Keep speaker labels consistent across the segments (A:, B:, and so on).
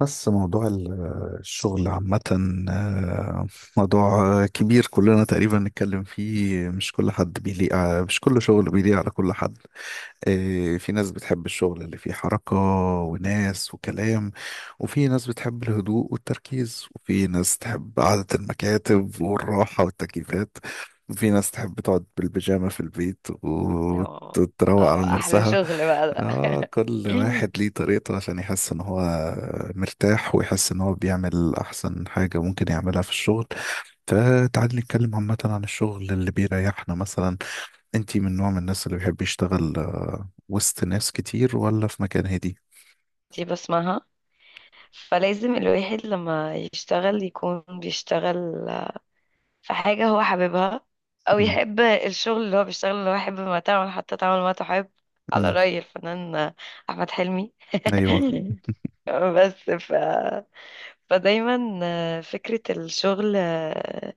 A: بس موضوع الشغل عامة، آه، موضوع كبير. كلنا تقريبا نتكلم فيه. مش كل حد مش كل شغل بيليق على كل حد. إيه، في ناس بتحب الشغل اللي فيه حركة وناس وكلام، وفي ناس بتحب الهدوء والتركيز، وفي ناس تحب قعدة المكاتب والراحة والتكييفات، وفي ناس تحب تقعد بالبيجامة في البيت
B: اه،
A: وتروق على
B: اه، احلى
A: نفسها.
B: شغل بقى ده.
A: آه، كل واحد ليه طريقته عشان يحس ان هو مرتاح، ويحس ان هو بيعمل احسن حاجة ممكن يعملها في الشغل. فتعالي نتكلم عامة عن الشغل اللي بيريحنا مثلا. انتي من نوع من الناس اللي بيحب يشتغل وسط ناس كتير، ولا في مكان هادي؟
B: دي بسمعها، فلازم الواحد لما يشتغل يكون بيشتغل في حاجة هو حاببها، او
A: مم.
B: يحب الشغل اللي هو بيشتغل، اللي هو يحب ما تعمل حتى تعمل ما تحب، على
A: مم.
B: رأي الفنان احمد حلمي.
A: ايوه.
B: بس ف... فدايما فكرة الشغل آه،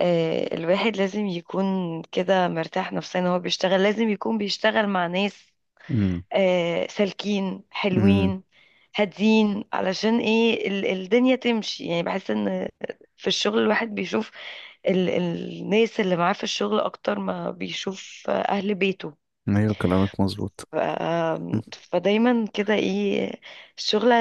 B: آه، الواحد لازم يكون كده مرتاح نفسيا وهو بيشتغل، لازم يكون بيشتغل مع ناس
A: مم.
B: سالكين
A: مم.
B: حلوين هادين، علشان ايه الدنيا تمشي، يعني بحس ان في الشغل الواحد بيشوف الناس اللي معاه في الشغل اكتر ما بيشوف اهل بيته.
A: ايوه، كلامك مظبوط.
B: ف فدايما كده ايه، الشغل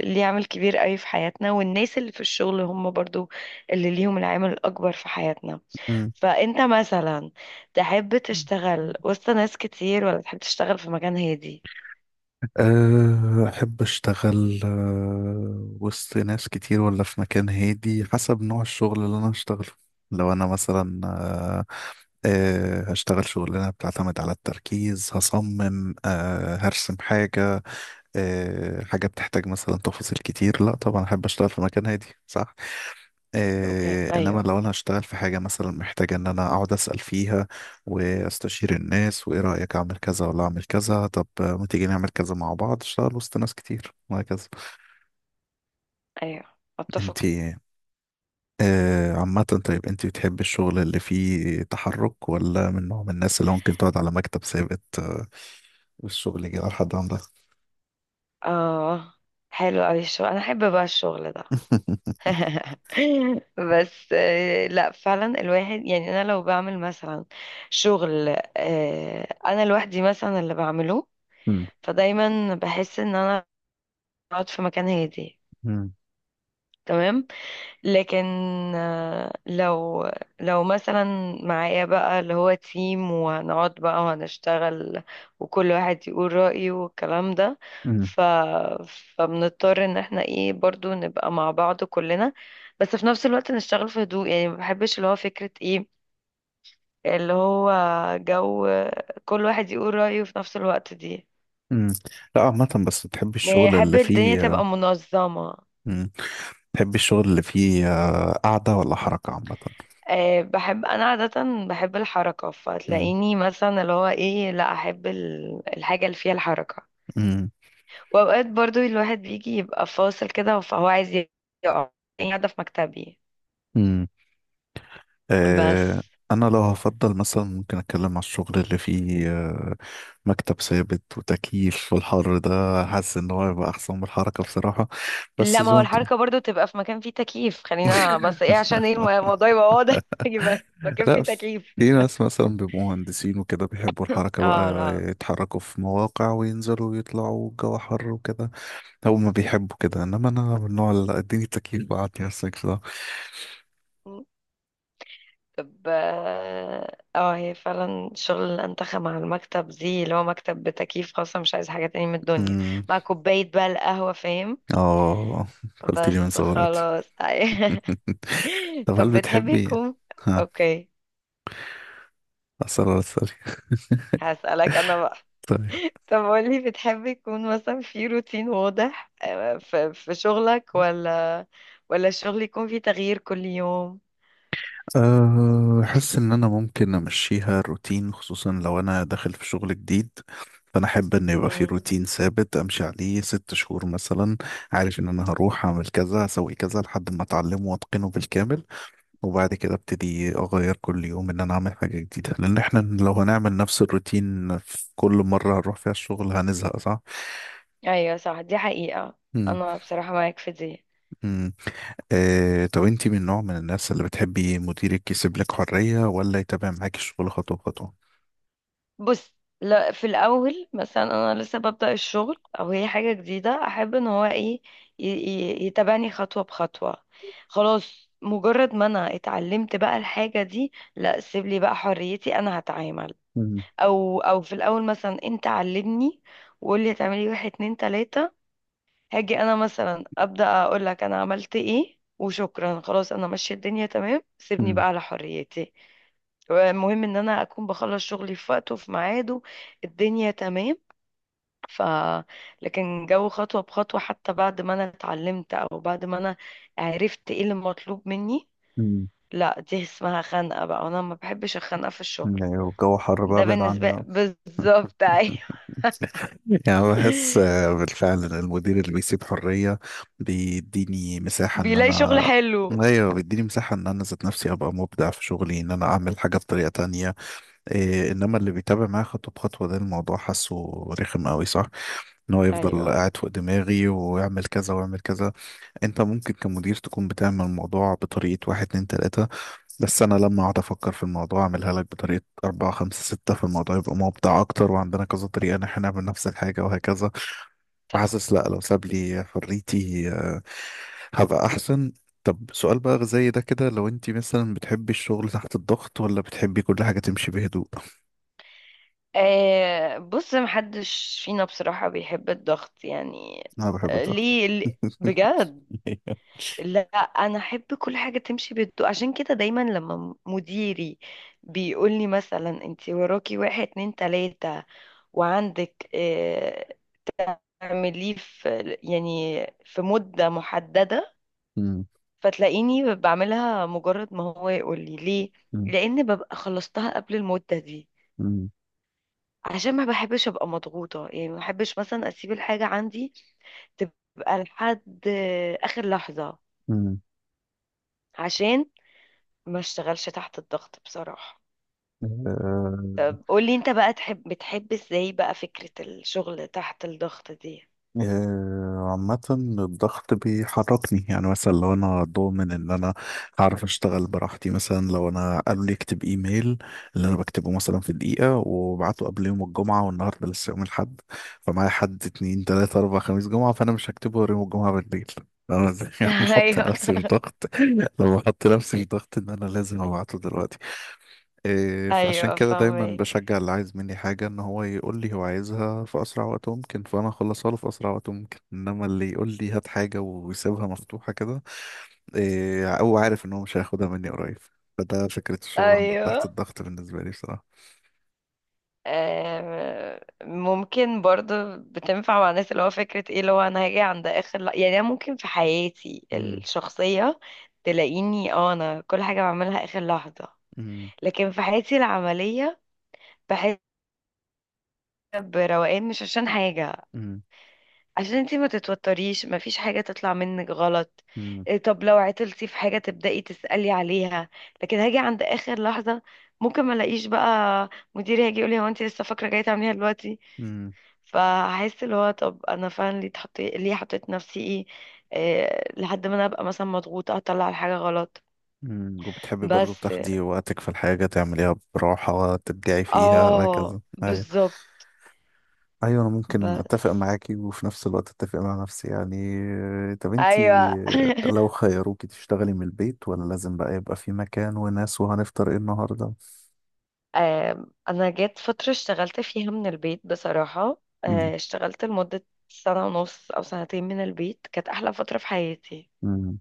B: ليه عامل كبير قوي في حياتنا، والناس اللي في الشغل هم برضو اللي ليهم العامل الاكبر في حياتنا.
A: مم.
B: فانت مثلا تحب تشتغل وسط ناس كتير ولا تحب تشتغل في مكان هادي؟
A: أحب أشتغل، وسط ناس كتير ولا في مكان هادي، حسب نوع الشغل اللي أنا هشتغله. لو أنا مثلا أه، أه، هشتغل شغلانة بتعتمد على التركيز، هصمم، هرسم حاجة، حاجة بتحتاج مثلا تفاصيل كتير، لا طبعا أحب أشتغل في مكان هادي، صح.
B: اوكي،
A: إنما
B: ايوه.
A: لو أنا هشتغل في حاجة مثلا محتاجة إن أنا أقعد أسأل فيها وأستشير الناس، وإيه رأيك، أعمل كذا ولا أعمل كذا، طب ما تيجي نعمل كذا مع بعض، أشتغل وسط ناس كتير، وهكذا.
B: ايوه، اتفق.
A: أنتي، عامة، طيب أنتي بتحبي الشغل اللي فيه تحرك، ولا من نوع من الناس اللي ممكن تقعد على مكتب ثابت والشغل يجي على حد عندها؟
B: اه، حلو اوي الشغل، انا احب بقى الشغل ده. بس لا فعلا الواحد يعني، انا لو بعمل مثلا شغل، انا لوحدي مثلا اللي بعمله، فدايما بحس ان انا بقعد في مكان هادي، تمام. لكن آه، لو لو مثلا معايا بقى اللي هو تيم وهنقعد بقى وهنشتغل وكل واحد يقول رأيه والكلام ده، ف فبنضطر ان احنا ايه برضو نبقى مع بعض كلنا، بس في نفس الوقت نشتغل في هدوء. يعني ما بحبش اللي هو فكرة ايه اللي هو جو كل واحد يقول رأيه في نفس الوقت دي،
A: مم. لا عامة، بس تحب
B: يعني
A: الشغل
B: احب
A: اللي
B: الدنيا
A: فيه.
B: تبقى منظمة.
A: مم. تحب الشغل اللي فيه قعدة ولا حركة عامة؟
B: أه، بحب انا عادة، بحب الحركة،
A: مم.
B: فتلاقيني مثلا اللي هو ايه، لا احب الحاجة اللي فيها الحركة.
A: مم.
B: واوقات برضو الواحد بيجي يبقى فاصل كده، فهو عايز يقع، يعني قاعدة في مكتبي
A: مم.
B: بس.
A: آه، أنا لو هفضل مثلا ممكن أتكلم على الشغل اللي فيه مكتب ثابت وتكييف. والحر ده، حاسس إن هو يبقى أحسن من الحركة بصراحة. بس
B: لا، ما هو
A: زونت.
B: الحركة برضو تبقى في مكان فيه تكييف، خلينا بس ايه عشان ايه الموضوع يبقى واضح، يبقى مكان
A: لا،
B: فيه تكييف.
A: في ناس مثلا بيبقوا مهندسين وكده، بيحبوا الحركة بقى،
B: اه،
A: يتحركوا في مواقع وينزلوا ويطلعوا والجو حر وكده. هما بيحبوا كده، انما انا من النوع اللي اديني تكييف وقعدني على السكس ده.
B: لا، ب... اه آه، هي فعلا شغل الأنتخة مع المكتب دي، اللي هو مكتب بتكييف خاصة، مش عايز حاجة تاني من الدنيا،
A: أمم،
B: مع كوباية بقى القهوة، فاهم.
A: اه، قلت
B: بس
A: لي من صغراتي.
B: خلاص.
A: طب هل
B: طب بتحبي
A: بتحبي إيه؟
B: يكون
A: ها؟
B: اوكي،
A: أسرار السري.
B: هسألك انا بقى.
A: طيب.
B: طب قولي، بتحبي يكون مثلا في روتين واضح في شغلك، ولا الشغل يكون فيه تغيير كل يوم؟
A: أحس إن أنا ممكن أمشيها روتين، خصوصا لو أنا داخل في شغل جديد. فأنا أحب إن يبقى في
B: مم.
A: روتين ثابت أمشي عليه 6 شهور مثلا. عارف إن أنا هروح أعمل كذا أسوي كذا لحد ما أتعلمه وأتقنه بالكامل، وبعد كده ابتدي اغير كل يوم ان انا اعمل حاجة جديدة، لان احنا لو هنعمل نفس الروتين في كل مرة هنروح فيها الشغل هنزهق، صح؟
B: ايوه صح، دي حقيقة.
A: مم.
B: انا بصراحة معاك في دي.
A: مم. طب انتي من نوع من الناس اللي بتحبي مديرك يسيب لك حرية، ولا يتابع معاكي الشغل خطوة بخطوة؟
B: بص، لا في الاول مثلا انا لسه ببدأ الشغل او هي حاجة جديدة، احب ان هو ايه يتبعني خطوة بخطوة. خلاص، مجرد ما انا اتعلمت بقى الحاجة دي، لا سيب لي بقى حريتي، انا هتعامل.
A: مم.
B: او في الاول مثلا انت علمني وقول لي هتعملي واحد اتنين تلاتة، هاجي انا مثلا ابدأ اقول لك انا عملت ايه وشكرا، خلاص انا ماشية، الدنيا تمام، سيبني
A: مم.
B: بقى على حريتي. المهم ان انا اكون بخلص شغلي في وقته في ميعاده، الدنيا تمام. ف لكن جو خطوة بخطوة حتى بعد ما انا اتعلمت او بعد ما انا عرفت ايه اللي مطلوب مني،
A: مم.
B: لا دي اسمها خنقة بقى، وانا ما بحبش الخنقة في الشغل.
A: ايوه، الجو حر بقى،
B: ده
A: ابعد عني
B: بالنسبة
A: بقى.
B: بالظبط، ايوه.
A: يعني بحس بالفعل ان المدير اللي بيسيب حرية بيديني مساحة ان
B: بيلاقي شغل
A: انا،
B: حلو،
A: ايوه، بيديني مساحة ان انا ذات نفسي ابقى مبدع في شغلي، ان انا اعمل حاجة بطريقة تانية. إيه، انما اللي بيتابع معايا خطوة بخطوة ده، الموضوع حاسه رخم قوي، صح. ان هو يفضل
B: ايوه
A: قاعد فوق دماغي، ويعمل كذا ويعمل كذا. انت ممكن كمدير تكون بتعمل الموضوع بطريقة واحد اتنين تلاتة، بس انا لما اقعد افكر في الموضوع اعملها لك بطريقه أربعة خمسة ستة، في الموضوع يبقى مبدع اكتر، وعندنا كذا طريقه ان احنا نعمل نفس الحاجه وهكذا.
B: صح.
A: حاسس، لا، لو ساب لي حريتي هبقى احسن. طب سؤال بقى زي ده كده، لو انت مثلا بتحبي الشغل تحت الضغط، ولا بتحبي كل حاجة تمشي بهدوء؟
B: آه بص، محدش فينا بصراحة بيحب الضغط يعني.
A: انا بحب الضغط.
B: ليه بجد؟ لا، انا احب كل حاجه تمشي بهدوء، عشان كده دايما لما مديري بيقول لي مثلا انت وراكي واحد اتنين تلاته وعندك اعمليه في، يعني في مده محدده،
A: مم.
B: فتلاقيني بعملها مجرد ما هو يقول لي ليه،
A: مم.
B: لان ببقى خلصتها قبل المده دي،
A: مم.
B: عشان ما بحبش ابقى مضغوطه. يعني ما بحبش مثلا اسيب الحاجه عندي تبقى لحد اخر لحظه،
A: مم.
B: عشان ما اشتغلش تحت الضغط بصراحه.
A: آه،
B: قولي انت بقى، تحب بتحب ازاي بقى فكرة الشغل تحت الضغط دي؟
A: عامة، الضغط بيحركني، يعني مثلا لو انا ضامن ان انا هعرف اشتغل براحتي، مثلا لو انا قالوا لي اكتب ايميل، اللي انا بكتبه مثلا في دقيقة وبعته قبل يوم الجمعة، والنهاردة لسه يوم الاحد، فمعايا حد اتنين تلاتة اربعة خميس جمعة، فانا مش هكتبه غير يوم الجمعة بالليل. انا بحط
B: ايوه،
A: نفسي في ضغط، لما بحط نفسي في ضغط ان انا لازم ابعته دلوقتي. إيه، فعشان
B: ايوه
A: كده دايما
B: فاهمك.
A: بشجع اللي عايز مني حاجة ان هو يقول لي هو عايزها في اسرع وقت ممكن، فانا اخلصها له في اسرع وقت ممكن، انما اللي يقول لي هات حاجة ويسيبها مفتوحة كده، إيه، او عارف ان هو مش هياخدها مني قريب، فده فكرة الشغل عند تحت
B: ايوه
A: الضغط بالنسبة لي بصراحة.
B: ممكن برضو بتنفع مع الناس، اللي هو فكرة ايه اللي هو انا هاجي عند اخر يعني انا ممكن في حياتي
A: مم،
B: الشخصية تلاقيني اه انا كل حاجة بعملها اخر لحظة،
A: مم،
B: لكن في حياتي العملية بحس بروقان، مش عشان حاجة،
A: مم،
B: عشان انتي ما تتوتريش، مفيش حاجة تطلع منك غلط.
A: مم،
B: إيه، طب لو عطلتي في حاجة تبدأي تسألي عليها، لكن هاجي عند آخر لحظة ممكن ما الاقيش بقى، مديري هيجي يقولي هو انتي لسه فاكرة جاية تعمليها دلوقتي،
A: مم،
B: فهحس اللي هو طب انا فعلا ليه اتحط، ليه حطيت نفسي ايه، إيه لحد ما انا ابقى مثلا مضغوطة اطلع الحاجة غلط.
A: مم. وبتحبي برضو
B: بس
A: تاخدي وقتك في الحاجة تعمليها براحة، تبدعي فيها وهكذا.
B: اه، بالظبط،
A: ايوه، انا ممكن اتفق
B: بس
A: معاكي وفي نفس الوقت اتفق مع نفسي يعني. طب انتي،
B: ايوه.
A: لو خيروكي تشتغلي من البيت، ولا لازم بقى يبقى في مكان وناس، وهنفطر ايه النهارده؟
B: انا جت فترة اشتغلت فيها من البيت بصراحة،
A: مم،
B: اشتغلت لمدة سنة ونص او سنتين من البيت، كانت احلى فترة في حياتي.
A: مم،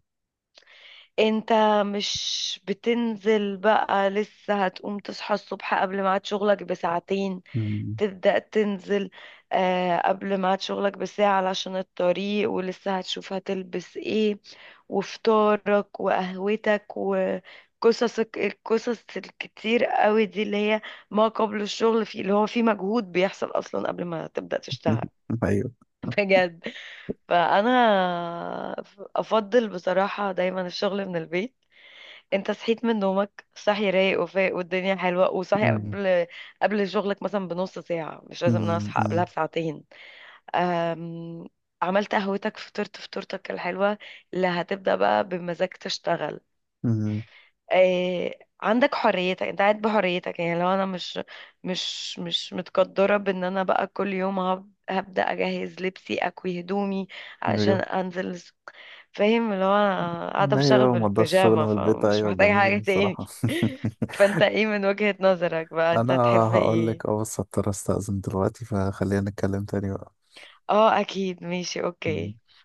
B: انت مش بتنزل بقى، لسه هتقوم تصحى الصبح قبل ميعاد شغلك بساعتين
A: مم،
B: تبدأ تنزل، قبل ميعاد شغلك بساعة علشان الطريق، ولسه هتشوف هتلبس ايه وفطارك وقهوتك وقصصك، القصص الكتير قوي دي اللي هي ما قبل الشغل، في اللي هو في مجهود بيحصل اصلا قبل ما تبدأ تشتغل.
A: ايوه،
B: بجد. فانا افضل بصراحة دايما الشغل من البيت. انت صحيت من نومك صاحي رايق وفايق والدنيا حلوة، وصاحي
A: مم،
B: قبل شغلك مثلا بنص ساعة، مش لازم انا
A: مم،
B: اصحى قبلها
A: مم،
B: بساعتين. أم... عملت قهوتك، فطرت فطورتك الحلوة اللي هتبدأ بقى بمزاج تشتغل.
A: مم،
B: عندك حريتك، انت قاعد بحريتك. يعني لو انا مش متقدره بان انا بقى كل يوم هبدا اجهز لبسي اكوي هدومي علشان
A: ايوه.
B: انزل فاهم، اللي هو انا قاعده بشتغل
A: ايوه، ما رضاش الشغل
B: بالبيجامه،
A: من البيت،
B: فمش
A: ايوه،
B: محتاجه
A: جميل
B: حاجه تاني.
A: الصراحه.
B: فانت ايه من وجهة نظرك بقى، انت
A: انا
B: هتحب
A: هقول
B: ايه؟
A: لك اه، بس هضطر استأذن دلوقتي، فخلينا نتكلم تاني
B: اه اكيد، ماشي، اوكي.
A: بقى.